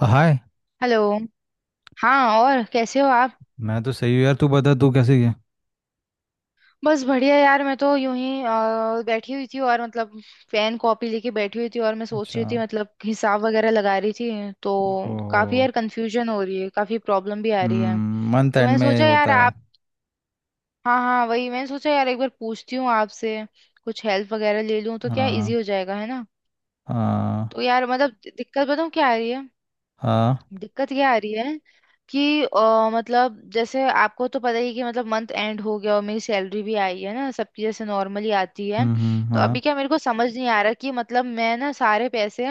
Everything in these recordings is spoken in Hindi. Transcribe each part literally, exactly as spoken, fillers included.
हाय। हेलो। हाँ, और कैसे हो आप? मैं तो सही हूँ यार, तू बता तू कैसी है। बस बढ़िया यार, मैं तो यूं ही अ, बैठी हुई थी और मतलब पेन कॉपी लेके बैठी हुई थी। और मैं सोच अच्छा। रही थी मतलब हिसाब वगैरह लगा रही थी, तो काफी हो। यार कंफ्यूजन हो रही है, काफी प्रॉब्लम भी आ रही है। मंथ तो एंड मैंने में सोचा होता यार है। आप। हाँ हाँ, वही मैंने सोचा यार एक बार पूछती हूँ आपसे, कुछ हेल्प वगैरह ले लूँ तो क्या इजी हाँ। हो जाएगा, है ना। हाँ। तो यार मतलब दि- दिक्कत बताऊँ क्या आ रही है। हाँ। दिक्कत क्या आ रही है कि अ, मतलब जैसे आपको तो पता ही है कि मतलब मंथ एंड हो गया और मेरी सैलरी भी आई है ना, सबकी जैसे नॉर्मली आती है। हम्म हम्म, तो हाँ। अभी क्या मेरे को समझ नहीं आ रहा कि मतलब मैं ना सारे पैसे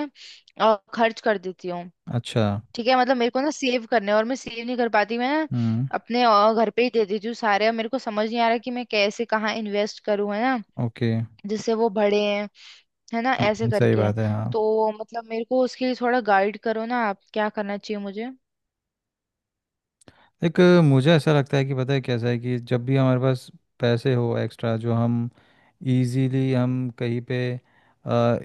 अ, खर्च कर देती हूँ। अच्छा। ठीक है, मतलब मेरे को ना सेव करने हैं और मैं सेव नहीं कर पाती, मैं ना हम्म। अपने अ, घर पे ही दे देती हूँ सारे। और मेरे को समझ नहीं आ रहा कि मैं कैसे कहाँ इन्वेस्ट करूँ, है ना, ओके। जिससे वो बढ़े हैं, है ना, ऐसे हम्म, सही करके। बात है, हाँ। तो मतलब मेरे को उसके लिए थोड़ा गाइड करो ना आप, क्या करना चाहिए मुझे। एक अ, मुझे ऐसा लगता है कि पता है कैसा है कि जब भी हमारे पास पैसे हो एक्स्ट्रा जो हम इजीली हम कहीं पे अ,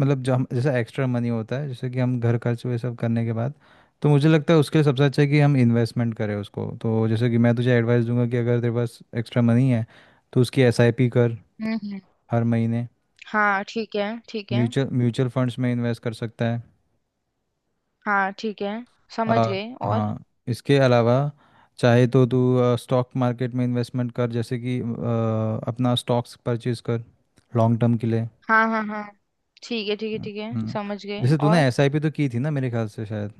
मतलब जो हम जैसा एक्स्ट्रा मनी होता है जैसे कि हम घर खर्च वे सब करने के बाद, तो मुझे लगता है उसके लिए सबसे अच्छा है कि हम इन्वेस्टमेंट करें उसको। तो जैसे कि मैं तुझे एडवाइस दूंगा कि अगर तेरे पास एक्स्ट्रा मनी है तो उसकी एसआईपी कर हम्म। हर महीने। हाँ ठीक है, ठीक है। म्यूचुअल म्यूचुअल फंड्स में इन्वेस्ट कर सकता है। हाँ ठीक है, समझ आ, गए। और हाँ इसके अलावा चाहे तो तू स्टॉक मार्केट में इन्वेस्टमेंट कर, जैसे कि आ, अपना स्टॉक्स परचेज कर लॉन्ग टर्म के लिए। हाँ हाँ हाँ, ठीक है ठीक है हम्म, ठीक है, हम्म। समझ गए। जैसे तूने और एसआईपी तो की थी ना मेरे ख्याल से, शायद।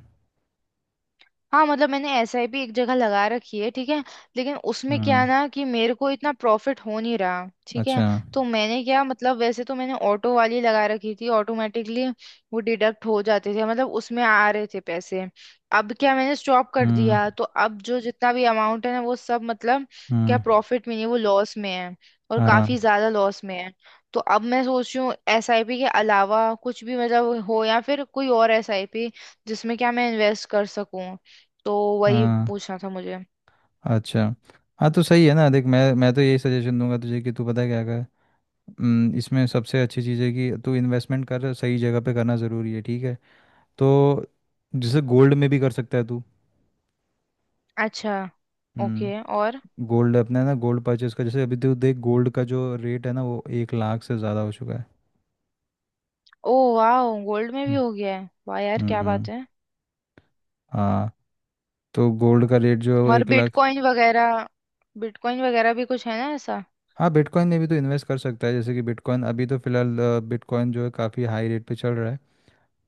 हाँ, मतलब मैंने एसआईपी एक जगह लगा रखी है, ठीक है। लेकिन उसमें क्या हम्म। है ना कि मेरे को इतना प्रॉफिट हो नहीं रहा, ठीक है। अच्छा। तो मैंने क्या मतलब, वैसे तो मैंने ऑटो वाली लगा रखी थी, ऑटोमेटिकली वो डिडक्ट हो जाते थे, मतलब उसमें आ रहे थे पैसे। अब क्या मैंने स्टॉप कर हम्म। दिया, तो अब जो जितना भी अमाउंट है ना वो सब मतलब क्या हम्म। प्रॉफिट में नहीं, वो लॉस में है, और हाँ। काफी ज्यादा लॉस में है। तो अब मैं सोच रही हूँ एसआईपी के अलावा कुछ भी मतलब हो, या फिर कोई और एसआईपी जिसमें क्या मैं इन्वेस्ट कर सकूं। तो वही हाँ। पूछना था मुझे। अच्छा। हाँ तो सही है ना, देख मैं मैं तो यही सजेशन दूंगा तुझे कि तू पता है क्या कर। हम्म, इसमें सबसे अच्छी चीज़ है कि तू इन्वेस्टमेंट कर, सही जगह पे करना ज़रूरी है। ठीक है तो जैसे गोल्ड में भी कर सकता है तू। अच्छा, ओके। हम्म, और गोल्ड अपना है ना, गोल्ड परचेस का। जैसे अभी तो देख गोल्ड का जो रेट है ना वो एक लाख से ज़्यादा हो चुका है। ओ वाह, गोल्ड में भी हम्म। हो गया है, वाह यार क्या हम्म। बात है। हाँ। तो गोल्ड का रेट जो है वो और एक लाख। बिटकॉइन वगैरह, बिटकॉइन वगैरह भी कुछ है ना ऐसा? हाँ बिटकॉइन में भी तो इन्वेस्ट कर सकता है, जैसे कि बिटकॉइन अभी तो फिलहाल अ, बिटकॉइन जो है काफ़ी हाई रेट पे चल रहा है।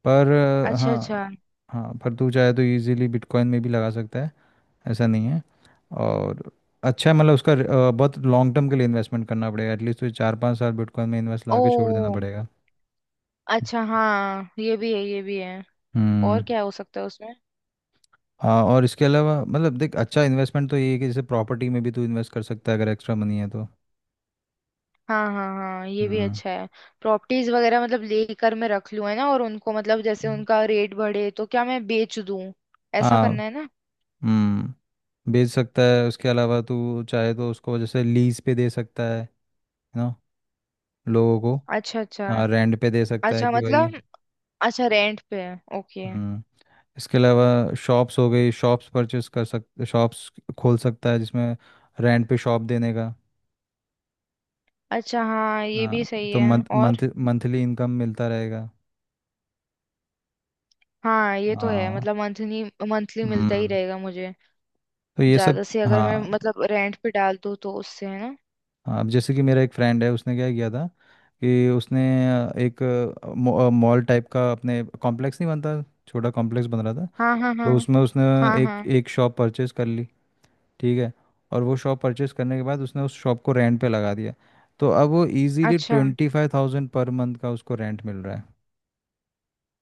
पर अ, अच्छा हाँ। अच्छा। हाँ पर तू चाहे तो इजीली बिटकॉइन में भी लगा सकता है, ऐसा नहीं है। और अच्छा है, मतलब उसका र- अ, बहुत लॉन्ग टर्म के लिए इन्वेस्टमेंट करना पड़ेगा, एटलीस्ट तुझे चार पाँच साल बिटकॉइन में इन्वेस्ट लगा के छोड़ देना ओ पड़ेगा। अच्छा, हाँ ये भी है ये भी है। और हम्म। क्या हो सकता है उसमें? हाँ और इसके अलावा मतलब देख अच्छा इन्वेस्टमेंट तो ये है कि जैसे प्रॉपर्टी में भी तू इन्वेस्ट कर सकता है, अगर एक्स्ट्रा मनी है तो। हाँ हाँ हाँ, ये भी हम्म। अच्छा है। प्रॉपर्टीज वगैरह मतलब लेकर मैं रख लूँ, है ना, और उनको मतलब जैसे हम्म। उनका रेट बढ़े तो क्या मैं बेच दूँ, ऐसा हाँ। करना, है ना। हम्म बेच सकता है, उसके अलावा तू चाहे तो उसको जैसे लीज पे दे सकता है ना लोगों को। अच्छा अच्छा। हाँ रेंट पे दे सकता है अच्छा कि भाई। मतलब, अच्छा रेंट पे है, ओके। हम्म, इसके अलावा शॉप्स हो गई, शॉप्स परचेस कर सकते, शॉप्स खोल सकता है जिसमें रेंट पे शॉप देने का। अच्छा हाँ ये भी हाँ सही तो है। मंथ और मंथ मंथली इनकम मिलता रहेगा। हाँ ये तो है, हाँ। मतलब मंथली, मंथली मिलता ही हम्म रहेगा मुझे। तो ये सब। ज्यादा से अगर मैं हाँ मतलब रेंट पे डाल दूँ तो उससे, है ना। हाँ, अब जैसे कि मेरा एक फ्रेंड है उसने क्या किया था कि उसने अ, एक मॉल टाइप का अपने कॉम्प्लेक्स नहीं बनता, छोटा कॉम्प्लेक्स बन रहा था, हाँ हाँ तो हाँ। उसमें उसने हाँ हाँ, एक एक शॉप परचेस कर ली। ठीक है। और वो शॉप परचेस करने के बाद उसने उस शॉप को रेंट पे लगा दिया। तो अब वो इजीली अच्छा twenty five thousand per month का उसको रेंट मिल रहा है।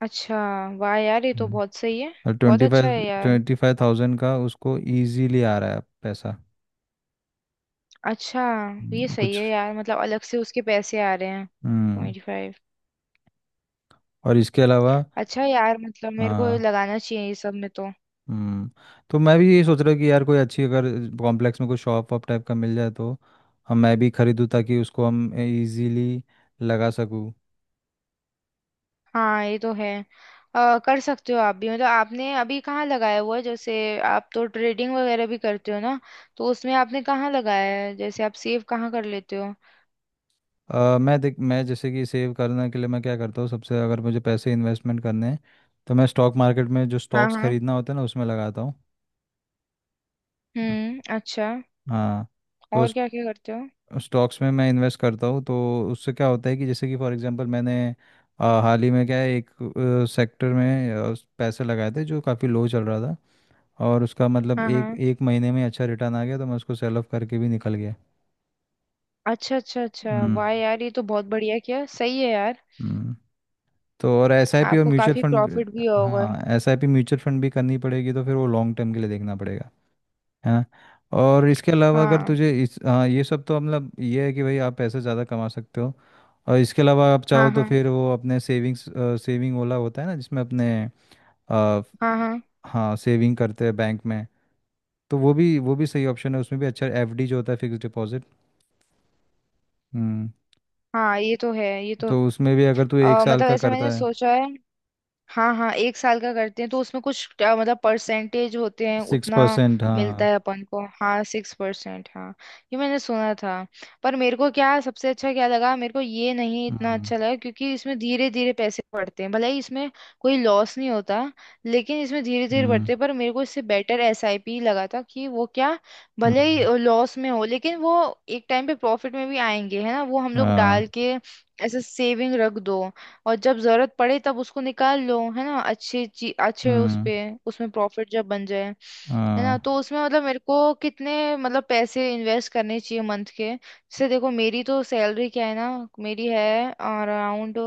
अच्छा, वाह यार ये तो हम्म, बहुत सही है, और बहुत ट्वेंटी अच्छा फाइव है यार। ट्वेंटी फाइव थाउजेंड का उसको इजीली आ रहा है पैसा। अच्छा, ये हम्म, सही कुछ। है यार, मतलब अलग से उसके पैसे आ रहे हैं हम्म ट्वेंटी फाइव। और इसके अलावा अच्छा यार, मतलब मेरे को हाँ, लगाना चाहिए ये सब में तो। हम्म तो मैं भी यही सोच रहा हूँ कि यार कोई अच्छी अगर कॉम्प्लेक्स में कोई शॉप वॉप टाइप का मिल जाए तो हम मैं भी खरीदूँ ताकि उसको हम इजीली लगा सकूँ। हाँ ये तो है। अ, कर सकते हो आप भी, मतलब आपने अभी कहाँ लगाया हुआ है जैसे, आप तो ट्रेडिंग वगैरह भी करते हो ना। तो उसमें आपने कहाँ लगाया है, जैसे आप सेव कहाँ कर लेते हो? अ, मैं देख मैं जैसे कि सेव करने के लिए मैं क्या करता हूँ, सबसे अगर मुझे पैसे इन्वेस्टमेंट करने हैं तो मैं स्टॉक मार्केट में जो हाँ स्टॉक्स हाँ। खरीदना होता है ना उसमें लगाता हूँ। हम्म, अच्छा। हाँ तो और क्या क्या करते हो? स्टॉक्स में मैं इन्वेस्ट करता हूँ, तो उससे क्या होता है कि जैसे कि फॉर एग्जांपल मैंने आ, हाल ही में क्या है एक सेक्टर में आ, पैसे लगाए थे जो काफ़ी लो चल रहा था, और उसका मतलब हाँ एक हाँ, एक महीने में अच्छा रिटर्न आ गया तो मैं उसको सेल ऑफ करके भी निकल गया। अच्छा अच्छा अच्छा, हम्म। वाह यार ये तो बहुत बढ़िया किया, सही है यार। हम्म तो और एसआईपी और आपको म्यूचुअल काफी फंड। प्रॉफिट भी होगा। हाँ एसआईपी म्यूचुअल फंड भी करनी पड़ेगी, तो फिर वो लॉन्ग टर्म के लिए देखना पड़ेगा, है ना। और इसके अलावा अगर हाँ तुझे इस हाँ ये सब तो मतलब ये है कि भाई आप पैसे ज़्यादा कमा सकते हो। और इसके अलावा आप हाँ चाहो तो हाँ फिर वो अपने सेविंग्स, सेविंग ओला होता है ना जिसमें अपने अ, हाँ हाँ। हाँ सेविंग करते हैं बैंक में। तो वो भी वो भी सही ऑप्शन है, उसमें भी अच्छा एफडी जो होता है फिक्स डिपॉजिट। हम्म हाँ ये तो है, ये तो तो उसमें भी अगर तू एक अ, साल मतलब का ऐसा मैंने करता है, सोचा है। हाँ हाँ, एक साल का करते हैं तो उसमें कुछ अ, मतलब परसेंटेज होते हैं, सिक्स उतना परसेंट मिलता हाँ। है अपन को। हाँ सिक्स परसेंट, हाँ ये मैंने सुना था। पर मेरे को क्या सबसे अच्छा क्या लगा, मेरे को ये नहीं इतना हम्म। अच्छा लगा क्योंकि इसमें धीरे धीरे पैसे बढ़ते हैं, भले ही इसमें कोई लॉस नहीं होता, लेकिन इसमें धीरे धीरे हम्म। बढ़ते हैं। पर मेरे को इससे बेटर एसआईपी लगा था, कि वो क्या, भले ही हम्म। लॉस में हो लेकिन वो एक टाइम पे प्रॉफिट में भी आएंगे, है ना। वो हम लोग डाल हाँ। के ऐसे सेविंग रख दो, और जब जरूरत पड़े तब उसको निकाल लो, है ना। अच्छी ची, अच्छे उस हम्म। पे, उसमें प्रॉफिट जब बन जाए, है ना। हाँ। तो उसमें मतलब मेरे को कितने मतलब पैसे इन्वेस्ट करने चाहिए मंथ के, जैसे देखो मेरी तो सैलरी क्या है ना, मेरी है अराउंड,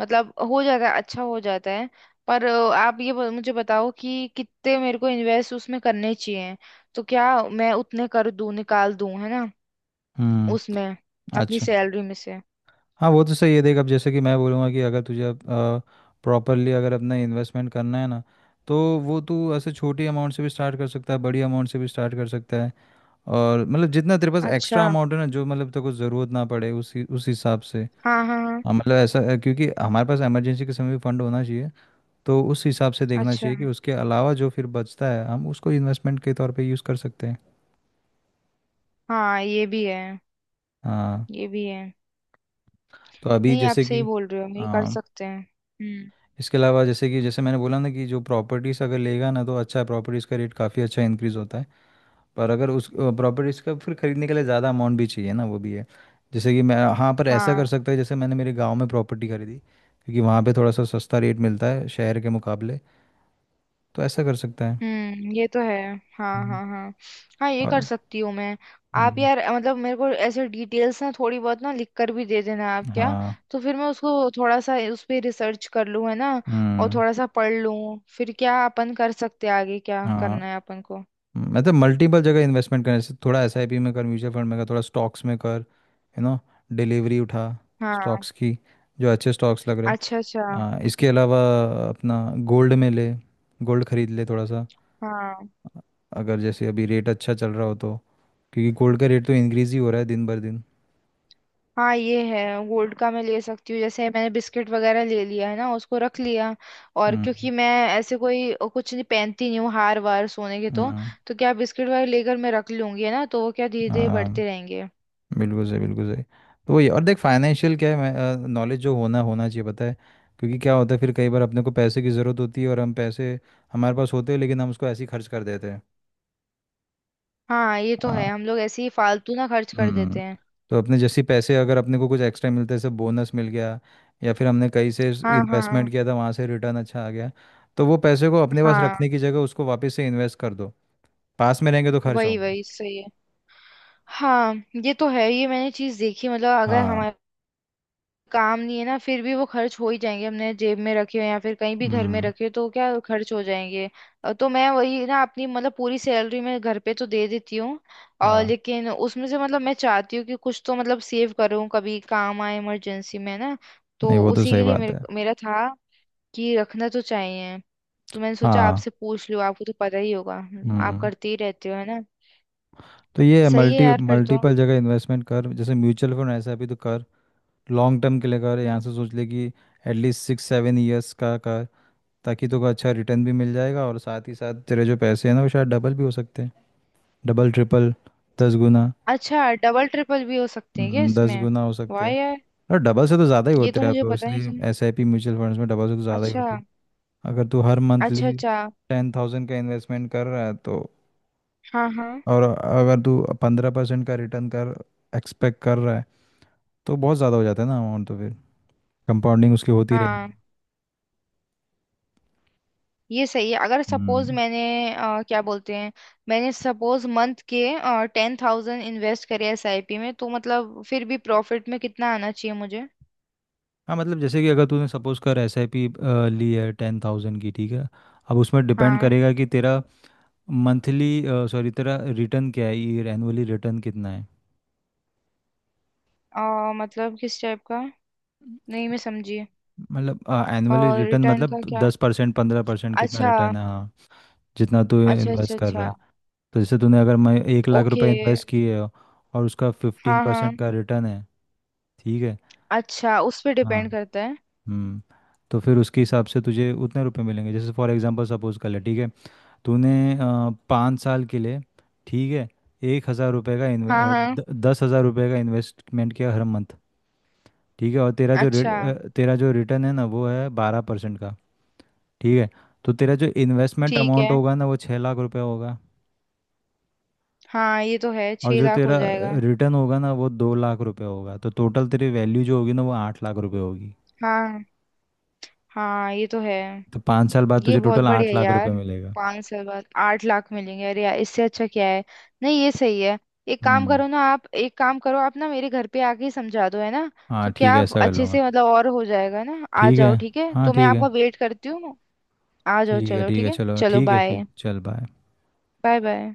मतलब हो जाता है, अच्छा हो जाता है। पर अ, आप ये ब- मुझे बताओ कि कितने मेरे को इन्वेस्ट उसमें करने चाहिए, तो क्या मैं उतने कर दूं, निकाल दूं, है ना हम्म। उसमें, अपनी अच्छा। सैलरी में से। हाँ वो तो सही है, देख अब जैसे कि मैं बोलूँगा कि अगर तुझे प्रॉपरली अगर अपना इन्वेस्टमेंट करना है ना, तो वो तू ऐसे छोटी अमाउंट से भी स्टार्ट कर सकता है, बड़ी अमाउंट से भी स्टार्ट कर सकता है। और मतलब जितना तेरे पास अच्छा एक्स्ट्रा अमाउंट है ना जो मतलब तेरे को ज़रूरत ना पड़े, उसी उस हिसाब से। हाँ हाँ हाँ। हाँ, मतलब ऐसा है, क्योंकि हमारे पास इमरजेंसी के समय भी फंड होना चाहिए, तो उस हिसाब से देखना अच्छा चाहिए कि उसके अलावा जो फिर बचता है हम उसको इन्वेस्टमेंट के तौर पे यूज़ कर सकते हैं। हाँ ये भी है, हाँ ये भी है। तो अभी नहीं आप जैसे सही कि बोल रहे हो, ये कर हाँ, सकते हैं। हम्म। इसके अलावा जैसे कि जैसे मैंने बोला ना कि जो प्रॉपर्टीज़ अगर लेगा ना तो अच्छा है, प्रॉपर्टीज़ का रेट काफ़ी अच्छा इंक्रीज़ होता है। पर अगर उस प्रॉपर्टीज़ का फिर खरीदने के लिए ज़्यादा अमाउंट भी चाहिए ना, वो भी है। जैसे कि मैं हाँ पर ऐसा हाँ। कर सकता है, जैसे मैंने मेरे गांव में प्रॉपर्टी खरीदी क्योंकि वहाँ पे थोड़ा सा सस्ता रेट मिलता है शहर के मुकाबले। तो ऐसा कर सकता है। हम्म, ये तो है। हाँ हम्म, हाँ हाँ, हाँ ये कर और सकती हूँ मैं। आप हम्म, यार मतलब मेरे को ऐसे डिटेल्स ना थोड़ी बहुत ना लिख कर भी दे देना आप क्या, हाँ तो फिर मैं उसको थोड़ा सा उस पे रिसर्च कर लूँ, है ना, और हम्म, थोड़ा सा पढ़ लूँ, फिर क्या अपन कर सकते हैं आगे क्या हाँ करना है अपन को। मतलब मल्टीपल जगह इन्वेस्टमेंट करने से, थोड़ा एसआईपी में कर, म्यूचुअल फंड में कर, थोड़ा स्टॉक्स में कर, यू नो डिलीवरी उठा हाँ स्टॉक्स की, जो अच्छे स्टॉक्स लग रहे हैं। अच्छा अच्छा। हाँ इसके अलावा अपना गोल्ड में ले, गोल्ड खरीद ले थोड़ा सा हाँ अगर जैसे अभी रेट अच्छा चल रहा हो तो, क्योंकि गोल्ड का रेट तो इंक्रीज ही हो रहा है दिन भर दिन। हाँ ये है, गोल्ड का मैं ले सकती हूँ, जैसे मैंने बिस्किट वगैरह ले लिया है ना, उसको रख लिया, और हम्म। क्योंकि मैं ऐसे कोई अ, कुछ नहीं पहनती नहीं हूँ हार वार सोने के, तो हम्म। तो क्या बिस्किट वगैरह लेकर मैं रख लूंगी, है ना, तो वो क्या धीरे धीरे हाँ बढ़ते रहेंगे। बिल्कुल सही, बिल्कुल सही। तो वही और देख फाइनेंशियल क्या है नॉलेज जो होना होना चाहिए, पता है, क्योंकि क्या होता है फिर कई बार अपने को पैसे की ज़रूरत होती है और हम पैसे हमारे पास होते हैं लेकिन हम उसको ऐसे ही खर्च कर देते हाँ ये तो है, हैं। हम लोग ऐसे ही फालतू ना खर्च कर हम्म देते हैं। तो अपने जैसे पैसे अगर अपने को कुछ एक्स्ट्रा मिलता है, जैसे बोनस मिल गया या फिर हमने कहीं से हाँ हाँ इन्वेस्टमेंट किया था वहाँ से रिटर्न अच्छा आ गया, तो वो पैसे को अपने पास हाँ, रखने की जगह उसको वापस से इन्वेस्ट कर दो। पास में रहेंगे तो खर्च वही होंगे। वही सही है। हाँ ये तो है, ये मैंने चीज देखी मतलब, अगर हाँ। हमारे काम नहीं है ना फिर भी वो खर्च हो ही जाएंगे, हमने जेब में रखे हो या फिर कहीं भी घर में हम्म। रखे हो तो क्या खर्च हो जाएंगे। अ, तो मैं वही ना, अपनी मतलब पूरी सैलरी मैं घर पे तो दे देती हूँ, और हाँ लेकिन उसमें से मतलब मैं चाहती हूँ कि कुछ तो मतलब सेव करूँ, कभी काम आए इमरजेंसी में ना, नहीं, तो वो तो उसी सही के लिए बात मेरे, है। मेरा था कि रखना तो चाहिए। तो मैंने सोचा हाँ। आपसे पूछ लूँ, आपको तो पता ही होगा, हम्म, आप हम्म करते ही रहते हो, है ना। तो ये सही है मल्टी यार, फिर तो। मल्टीपल जगह इन्वेस्टमेंट कर, जैसे म्यूचुअल फंड ऐसा भी तो कर लॉन्ग टर्म के लिए। कर यहाँ से सोच ले कि एटलीस्ट सिक्स सेवन ईयर्स का कर, ताकि तुमको अच्छा रिटर्न भी मिल जाएगा और साथ ही साथ तेरे जो पैसे हैं ना वो शायद डबल भी हो सकते हैं, डबल ट्रिपल, दस गुना। अच्छा डबल ट्रिपल भी हो सकते हैं क्या हम्म, दस इसमें? गुना हो वाह सकते हैं। यार, और डबल से तो ज़्यादा ही ये होते तो हैं मुझे अब, पता नहीं इसलिए था। S I P mutual funds में डबल से तो ज़्यादा ही अच्छा होती है। अगर तू हर अच्छा मंथली अच्छा। टेन थाउजेंड का इन्वेस्टमेंट कर रहा है तो, हाँ हाँ और अगर तू पंद्रह परसेंट का रिटर्न कर एक्सपेक्ट कर रहा है, तो बहुत ज़्यादा हो जाता है ना अमाउंट, तो फिर कंपाउंडिंग उसकी होती रहेगी। हाँ, ये सही है, अगर सपोज हम्म। मैंने अ, क्या बोलते हैं, मैंने सपोज मंथ के टेन थाउजेंड इन्वेस्ट करे एसआईपी में, तो मतलब फिर भी प्रॉफिट में कितना आना चाहिए मुझे? हाँ मतलब जैसे कि अगर तूने सपोज कर एसआईपी ली है टेन थाउजेंड की, ठीक है। अब उसमें डिपेंड हाँ करेगा कि तेरा मंथली सॉरी तेरा रिटर्न क्या है, ये एनुअली रिटर्न कितना है। अ, मतलब किस टाइप का, नहीं मैं समझी। मतलब एनुअली और रिटर्न रिटर्न मतलब का क्या? दस परसेंट, पंद्रह परसेंट, कितना अच्छा रिटर्न है। हाँ जितना तू अच्छा अच्छा। इन्वेस्ट कर रहा अच्छा है। तो जैसे तूने अगर मैं एक लाख ओके। रुपए इन्वेस्ट किए हो और उसका फिफ्टीन हाँ हाँ, परसेंट का रिटर्न है, ठीक है। अच्छा उस पर हाँ। डिपेंड करता है। हम्म तो फिर उसके हिसाब से तुझे उतने रुपए मिलेंगे। जैसे फॉर एग्जांपल सपोज कर ले, ठीक है। तूने अ, पाँच साल के लिए, ठीक है, एक हज़ार रुपये का इन्वे हाँ अ, हाँ द, दस हज़ार रुपये का इन्वेस्टमेंट किया हर मंथ। ठीक है और तेरा जो रिट अच्छा, अ, तेरा जो रिटर्न है ना वो है बारह परसेंट का, ठीक है। तो तेरा जो इन्वेस्टमेंट ठीक अमाउंट है। होगा ना वो छः लाख रुपये होगा। हाँ ये तो है, और छह जो लाख हो तेरा जाएगा। रिटर्न होगा ना वो दो लाख रुपये होगा, तो टोटल तेरी वैल्यू जो होगी ना वो आठ लाख रुपये होगी। हाँ हाँ ये तो है। तो पाँच साल बाद ये तुझे बहुत टोटल बढ़िया आठ है लाख यार, रुपये मिलेगा। पाँच साल बाद आठ लाख मिलेंगे, अरे यार इससे अच्छा क्या है। नहीं ये सही है, एक काम हम्म। करो ना आप, एक काम करो आप ना, मेरे घर पे आके ही समझा दो, है ना। हाँ तो ठीक क्या है आप ऐसा कर अच्छे लूँगा। से मतलब और हो जाएगा ना, आ ठीक है। जाओ, ठीक है, हाँ तो मैं ठीक आपका है। वेट करती हूँ। आ जाओ, ठीक है। चलो ठीक ठीक है है, चलो, चलो ठीक है बाय। फिर चल, बाय। Bye bye.